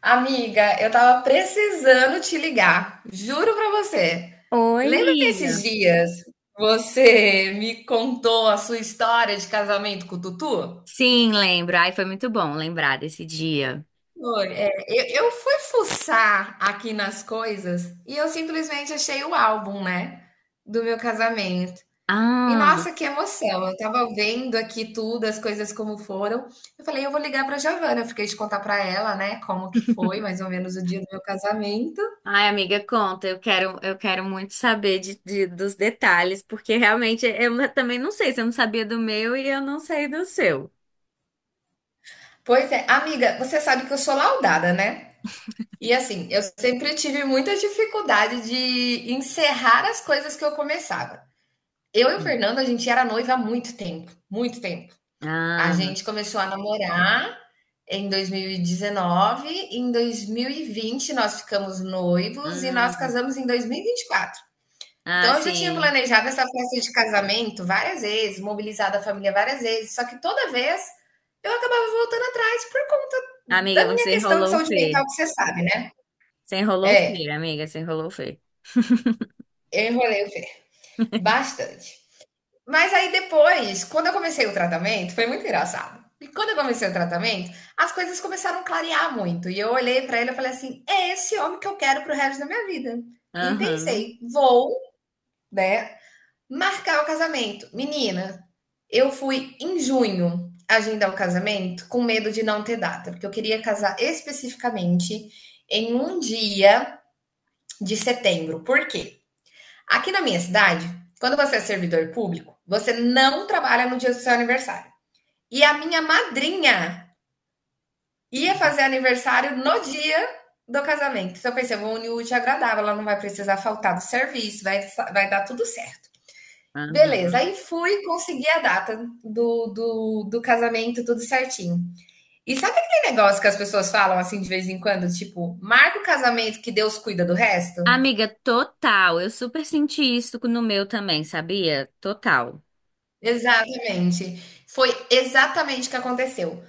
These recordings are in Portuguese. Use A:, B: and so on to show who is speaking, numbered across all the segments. A: Amiga, eu tava precisando te ligar, juro pra você.
B: Oi,
A: Lembra
B: amiga.
A: desses dias você me contou a sua história de casamento com o Tutu?
B: Sim, lembro. Ai, foi muito bom lembrar desse dia.
A: Foi, é, eu fui fuçar aqui nas coisas e eu simplesmente achei o álbum, né, do meu casamento. E
B: Ah,
A: nossa, que emoção! Eu tava vendo aqui tudo, as coisas como foram. Eu falei, eu vou ligar pra Giovana, eu fiquei de contar pra ela, né, como que foi mais ou menos o dia do meu casamento.
B: ai, amiga, conta. Eu quero muito saber dos detalhes, porque realmente também não sei. Se eu não sabia do meu e eu não sei do seu.
A: Pois é, amiga, você sabe que eu sou laudada, né? E assim, eu sempre tive muita dificuldade de encerrar as coisas que eu começava. Eu e o
B: Hum.
A: Fernando, a gente era noiva há muito tempo, muito tempo. A
B: Ah,
A: gente começou a namorar em 2019, em 2020 nós ficamos noivos e nós
B: hum.
A: casamos em dois mil e vinte e quatro.
B: Ah,
A: Então, eu já tinha
B: sim.
A: planejado essa festa de casamento várias vezes, mobilizado a família várias vezes, só que toda vez eu acabava voltando atrás por conta da
B: Amiga,
A: minha
B: você
A: questão de
B: enrolou o
A: saúde mental,
B: Fê.
A: que você sabe, né?
B: Você enrolou o
A: É,
B: Fê, amiga, você enrolou o Fê.
A: eu enrolei o pé bastante. Mas aí depois, quando eu comecei o tratamento, foi muito engraçado. E quando eu comecei o tratamento, as coisas começaram a clarear muito. E eu olhei para ele e falei assim: é esse homem que eu quero pro resto da minha vida. E
B: Aham,
A: pensei, vou, né, marcar o casamento. Menina, eu fui em junho agendar o casamento com medo de não ter data, porque eu queria casar especificamente em um dia de setembro. Por quê? Aqui na minha cidade, quando você é servidor público, você não trabalha no dia do seu aniversário. E a minha madrinha ia fazer aniversário no dia do casamento. Então eu pensei, eu vou unir o útil ao agradável, ela não vai precisar faltar do serviço, vai, vai dar tudo certo. Beleza,
B: aham.
A: aí fui conseguir a data do casamento, tudo certinho. E sabe aquele negócio que as pessoas falam assim de vez em quando? Tipo, marca o casamento que Deus cuida do resto?
B: Amiga, total. Eu super senti isso no meu também, sabia? Total.
A: Exatamente. Foi exatamente o que aconteceu.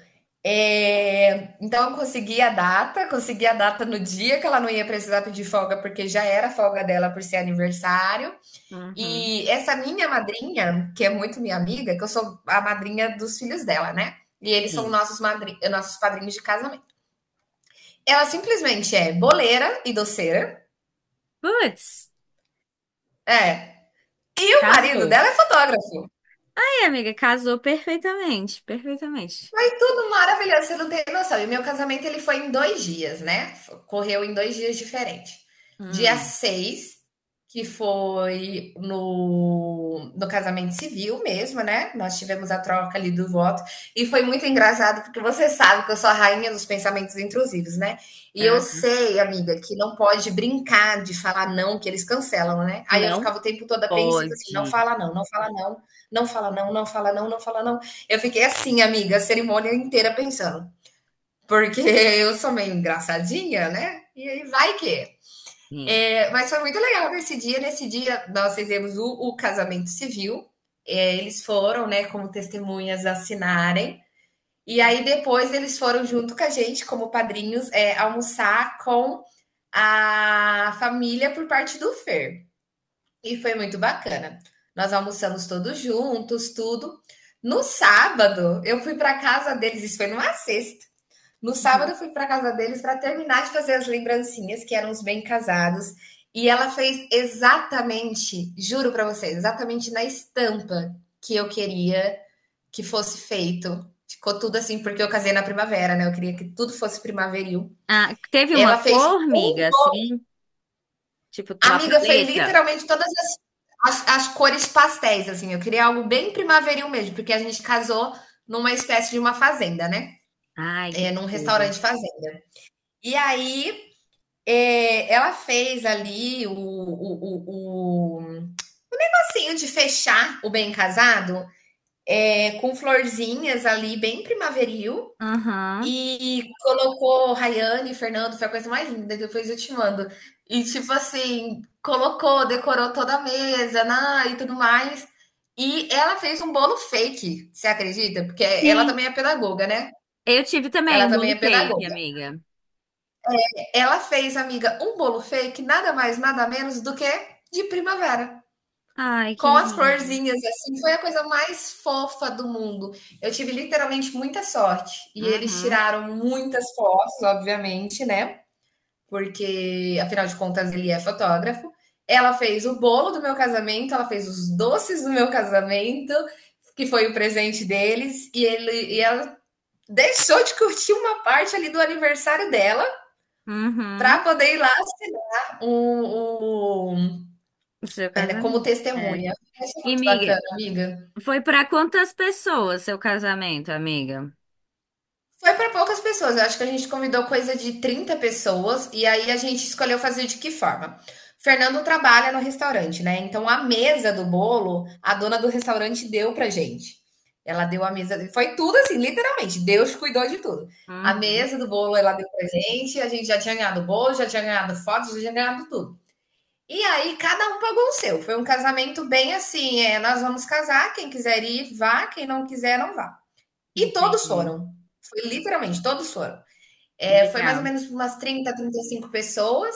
A: É, então, eu consegui a data no dia que ela não ia precisar pedir folga, porque já era folga dela por ser aniversário.
B: Uhum.
A: E essa minha madrinha, que é muito minha amiga, que eu sou a madrinha dos filhos dela, né? E eles são
B: Sim.
A: nossos, nossos padrinhos de casamento. Ela simplesmente é boleira e doceira.
B: Putz.
A: É. O marido
B: Casou.
A: dela é fotógrafo.
B: Aí, amiga, casou perfeitamente, perfeitamente.
A: Foi tudo maravilhoso, você não tem noção. E o meu casamento ele foi em 2 dias, né? Correu em 2 dias diferentes. Dia
B: Hum,
A: 6 que foi no, no casamento civil mesmo, né? Nós tivemos a troca ali do voto. E foi muito engraçado, porque você sabe que eu sou a rainha dos pensamentos intrusivos, né? E
B: é.
A: eu sei, amiga, que não pode brincar de falar não, que eles cancelam, né? Aí eu
B: Não
A: ficava o tempo todo apreensiva assim: não
B: pode.
A: fala não, não fala não, não fala não, não fala não, não fala não. Eu fiquei assim, amiga, a cerimônia inteira pensando. Porque eu sou meio engraçadinha, né? E aí vai que.
B: Sim.
A: É, mas foi muito legal nesse dia. Nesse dia, nós fizemos o casamento civil. É, eles foram, né, como testemunhas assinarem. E aí depois eles foram junto com a gente, como padrinhos, é, almoçar com a família por parte do Fer. E foi muito bacana. Nós almoçamos todos juntos, tudo. No sábado, eu fui para casa deles, isso foi numa sexta. No
B: Uhum.
A: sábado, eu fui para casa deles para terminar de fazer as lembrancinhas, que eram os bem casados. E ela fez exatamente, juro para vocês, exatamente na estampa que eu queria que fosse feito. Ficou tudo assim, porque eu casei na primavera, né? Eu queria que tudo fosse primaveril.
B: Ah, teve
A: Ela
B: uma
A: fez
B: cor,
A: um...
B: amiga, assim, tipo uma
A: Amiga, foi
B: paleta?
A: literalmente todas as cores pastéis, assim. Eu queria algo bem primaveril mesmo, porque a gente casou numa espécie de uma fazenda, né?
B: Ai,
A: É,
B: que
A: num
B: tudo.
A: restaurante fazenda. E aí, é, ela fez ali o passinho de fechar o bem casado, é, com florzinhas ali, bem primaveril.
B: Aham.
A: E colocou Rayane e Fernando, foi a coisa mais linda, depois eu te mando. E tipo assim, colocou, decorou toda a mesa, na, e tudo mais. E ela fez um bolo fake, você acredita? Porque ela
B: Sim.
A: também é pedagoga, né?
B: Eu tive também
A: Ela
B: um
A: também é
B: bolo fake,
A: pedagoga.
B: amiga.
A: Ela fez, amiga, um bolo fake, nada mais, nada menos do que de primavera.
B: Ai, que
A: Com as
B: lindo.
A: florzinhas, assim, foi a coisa mais fofa do mundo. Eu tive literalmente muita sorte. E eles
B: Uhum.
A: tiraram muitas fotos, obviamente, né? Porque afinal de contas ele é fotógrafo. Ela fez o bolo do meu casamento, ela fez os doces do meu casamento, que foi o presente deles, e ele e ela deixou de curtir uma parte ali do aniversário dela para
B: Uhum.
A: poder ir lá assinar um, um,
B: O seu
A: um, como
B: casamento. É.
A: testemunha. Isso é
B: E,
A: muito
B: amiga,
A: bacana, amiga.
B: foi pra quantas pessoas seu casamento, amiga?
A: Foi para poucas pessoas. Eu acho que a gente convidou coisa de 30 pessoas e aí a gente escolheu fazer de que forma? Fernando trabalha no restaurante, né? Então a mesa do bolo, a dona do restaurante deu pra gente. Ela deu a mesa, foi tudo assim, literalmente. Deus cuidou de tudo. A
B: Uhum.
A: mesa do bolo ela deu pra gente, a gente já tinha ganhado bolo, já tinha ganhado fotos, já tinha ganhado tudo. E aí cada um pagou o seu. Foi um casamento bem assim, é, nós vamos casar, quem quiser ir, vá, quem não quiser, não vá. E todos
B: Entendi.
A: foram. Foi literalmente, todos foram. É, foi mais ou
B: Legal.
A: menos umas 30, 35 pessoas,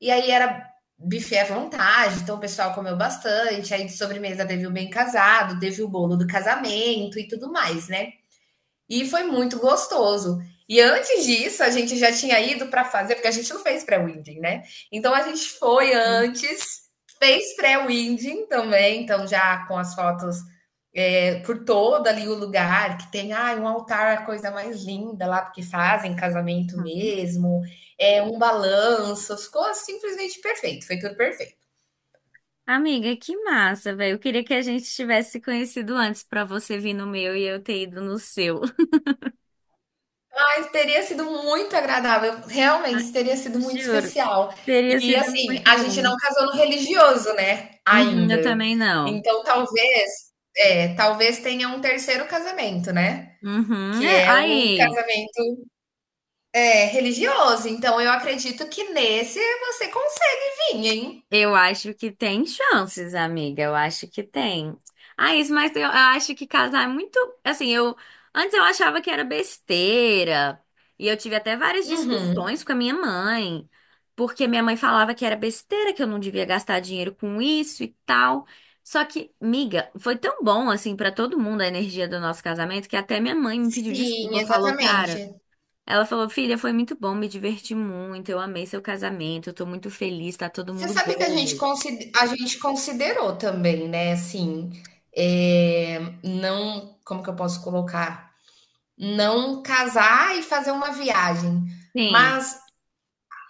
A: e aí era buffet à vontade, então o pessoal comeu bastante, aí de sobremesa teve o bem casado, teve o bolo do casamento e tudo mais, né? E foi muito gostoso. E antes disso, a gente já tinha ido para fazer, porque a gente não fez pré-winding, né? Então a gente foi antes, fez pré-winding também, então já com as fotos, é, por todo ali o lugar, que tem, ah, um altar, a coisa mais linda lá, porque fazem casamento
B: Uhum.
A: mesmo, é um balanço, ficou simplesmente perfeito, foi tudo perfeito.
B: Amiga, que massa, velho. Eu queria que a gente tivesse se conhecido antes pra você vir no meu e eu ter ido no seu.
A: Mas teria sido muito agradável,
B: Ah,
A: realmente teria sido muito
B: juro,
A: especial.
B: teria
A: E
B: sido
A: assim,
B: muito
A: a gente
B: bom.
A: não casou no religioso, né?
B: Uhum, eu
A: Ainda.
B: também não.
A: Então talvez, é, talvez tenha um terceiro casamento, né?
B: Uhum.
A: Que
B: É,
A: é o
B: aí.
A: casamento, é, religioso. Então eu acredito que nesse você consegue vir, hein?
B: Eu acho que tem chances, amiga. Eu acho que tem. Ah, isso, mas eu acho que casar é muito. Assim, eu. Antes eu achava que era besteira. E eu tive até várias
A: Uhum.
B: discussões com a minha mãe. Porque minha mãe falava que era besteira, que eu não devia gastar dinheiro com isso e tal. Só que, miga, foi tão bom, assim, pra todo mundo a energia do nosso casamento que até minha mãe me pediu
A: Sim,
B: desculpa. Falou,
A: exatamente.
B: cara. Ela falou, filha, foi muito bom, me diverti muito, eu amei seu casamento, eu tô muito feliz, tá todo
A: Você
B: mundo
A: sabe que a gente,
B: bobo.
A: a gente considerou também, né? Assim, é, não. Como que eu posso colocar? Não casar e fazer uma viagem.
B: Sim,
A: Mas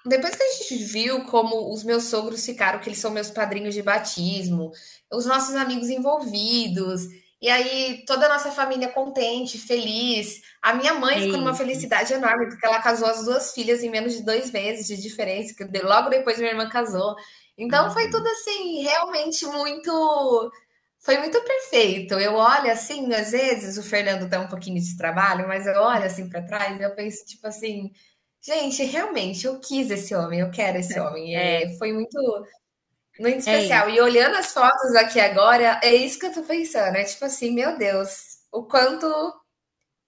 A: depois que a gente viu como os meus sogros ficaram, que eles são meus padrinhos de batismo, os nossos amigos envolvidos, e aí toda a nossa família contente, feliz. A minha mãe
B: é
A: ficou numa
B: isso.
A: felicidade enorme, porque ela casou as duas filhas em menos de 2 meses de diferença, que logo depois minha irmã casou. Então foi tudo
B: Uhum.
A: assim, realmente muito. Foi muito perfeito. Eu olho assim, às vezes o Fernando dá um pouquinho de trabalho, mas eu olho assim para trás e eu penso, tipo assim, gente, realmente, eu quis esse homem, eu quero esse homem.
B: É,
A: É, foi muito, muito
B: é
A: especial. E
B: isso.
A: olhando as fotos aqui agora, é isso que eu tô pensando. É tipo assim, meu Deus, o quanto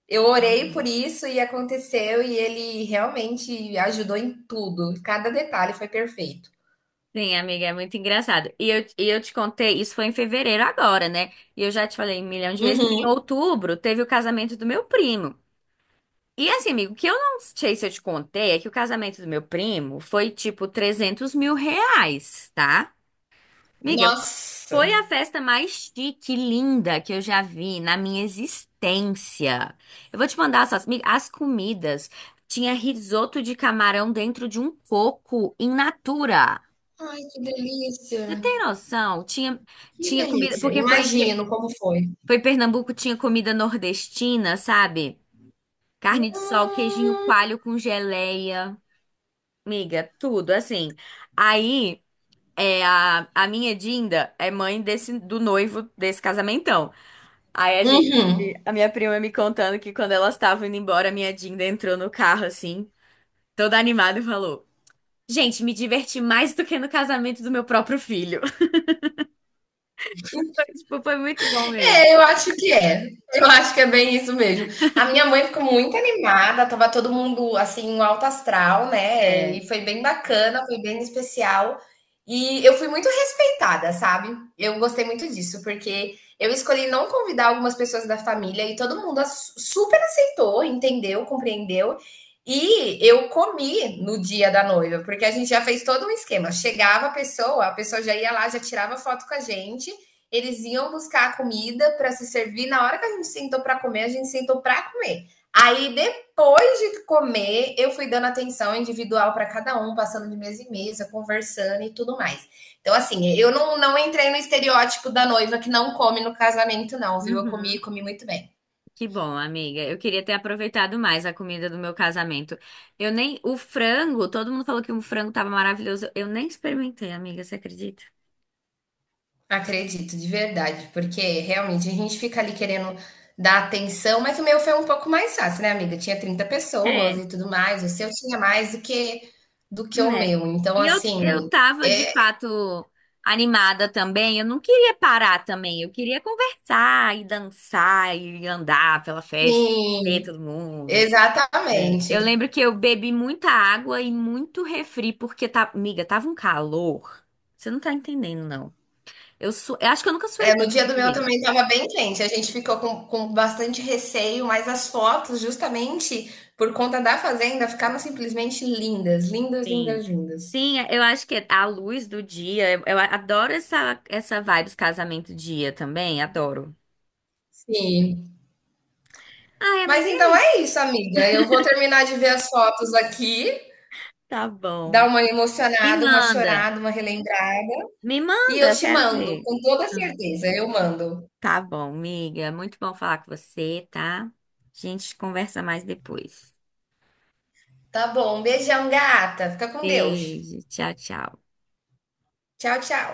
A: eu orei
B: Uhum.
A: por isso e aconteceu, e ele realmente ajudou em tudo. Cada detalhe foi perfeito.
B: Sim, amiga, é muito engraçado. E eu te contei, isso foi em fevereiro agora, né? E eu já te falei um milhão de vezes que em
A: Uhum.
B: outubro teve o casamento do meu primo. E assim, amigo, o que eu não sei se eu te contei é que o casamento do meu primo foi tipo 300 mil reais, tá? Amiga,
A: Nossa!
B: foi a festa mais chique, linda que eu já vi na minha existência. Eu vou te mandar as fotos. As comidas. Tinha risoto de camarão dentro de um coco in natura.
A: Ai, que delícia!
B: Você tem noção? Tinha,
A: Que
B: tinha comida,
A: delícia!
B: porque
A: Imagino como foi.
B: foi em Pernambuco, tinha comida nordestina, sabe? Carne de sol, queijinho coalho com geleia. Miga, tudo assim. Aí, é, a minha Dinda é mãe desse, do noivo desse casamentão. Aí
A: Uhum.
B: a minha prima me contando que quando elas estavam indo embora, a minha Dinda entrou no carro assim, toda animada e falou: "Gente, me diverti mais do que no casamento do meu próprio filho". Foi, tipo, foi muito bom mesmo.
A: É, eu acho que é. Eu acho que é bem isso mesmo. A minha mãe ficou muito animada, tava todo mundo assim, um alto astral, né?
B: É.
A: E foi bem bacana, foi bem especial. E eu fui muito respeitada, sabe? Eu gostei muito disso, porque eu escolhi não convidar algumas pessoas da família e todo mundo super aceitou, entendeu, compreendeu. E eu comi no dia da noiva, porque a gente já fez todo um esquema. Chegava a pessoa já ia lá, já tirava foto com a gente, eles iam buscar a comida para se servir. Na hora que a gente sentou para comer, a gente sentou para comer. Aí, depois de comer, eu fui dando atenção individual para cada um, passando de mesa em mesa, conversando e tudo mais. Então, assim, eu não, não entrei no estereótipo da noiva que não come no casamento, não, viu? Eu comi e
B: Uhum.
A: comi muito bem.
B: Que bom, amiga. Eu queria ter aproveitado mais a comida do meu casamento. Eu nem. O frango, todo mundo falou que o frango tava maravilhoso. Eu nem experimentei, amiga, você acredita?
A: Acredito, de verdade, porque realmente a gente fica ali querendo dar atenção, mas o meu foi um pouco mais fácil, né, amiga? Tinha 30 pessoas
B: É.
A: e tudo mais, o seu tinha mais do que o
B: É.
A: meu. Então,
B: E eu,
A: assim,
B: eu tava de
A: é,
B: fato animada também. Eu não queria parar também. Eu queria conversar e dançar e andar pela festa, ver
A: sim,
B: todo mundo. É. Eu
A: exatamente.
B: lembro que eu bebi muita água e muito refri, porque, tá, amiga, tava um calor. Você não tá entendendo, não. Eu acho que eu nunca suei
A: É, no
B: tanto,
A: dia do meu
B: amiga.
A: também estava bem quente, a gente ficou com bastante receio, mas as fotos, justamente por conta da fazenda, ficaram simplesmente lindas, lindas,
B: Sim.
A: lindas, lindas.
B: Sim, eu acho que a luz do dia. Eu adoro essa vibe dos casamento dia também, adoro.
A: Sim,
B: Ai,
A: mas
B: amiga,
A: então
B: é.
A: é isso, amiga. Eu vou terminar de ver as fotos aqui,
B: Tá
A: dar
B: bom.
A: uma
B: Me
A: emocionada, uma
B: manda.
A: chorada, uma relembrada.
B: Me
A: E
B: manda,
A: eu
B: eu
A: te
B: quero
A: mando,
B: ver.
A: com toda
B: Hum.
A: certeza, eu mando.
B: Tá bom, amiga. Muito bom falar com você, tá? A gente conversa mais depois.
A: Tá bom, um beijão, gata. Fica com Deus.
B: Beijo. Tchau, tchau.
A: Tchau, tchau.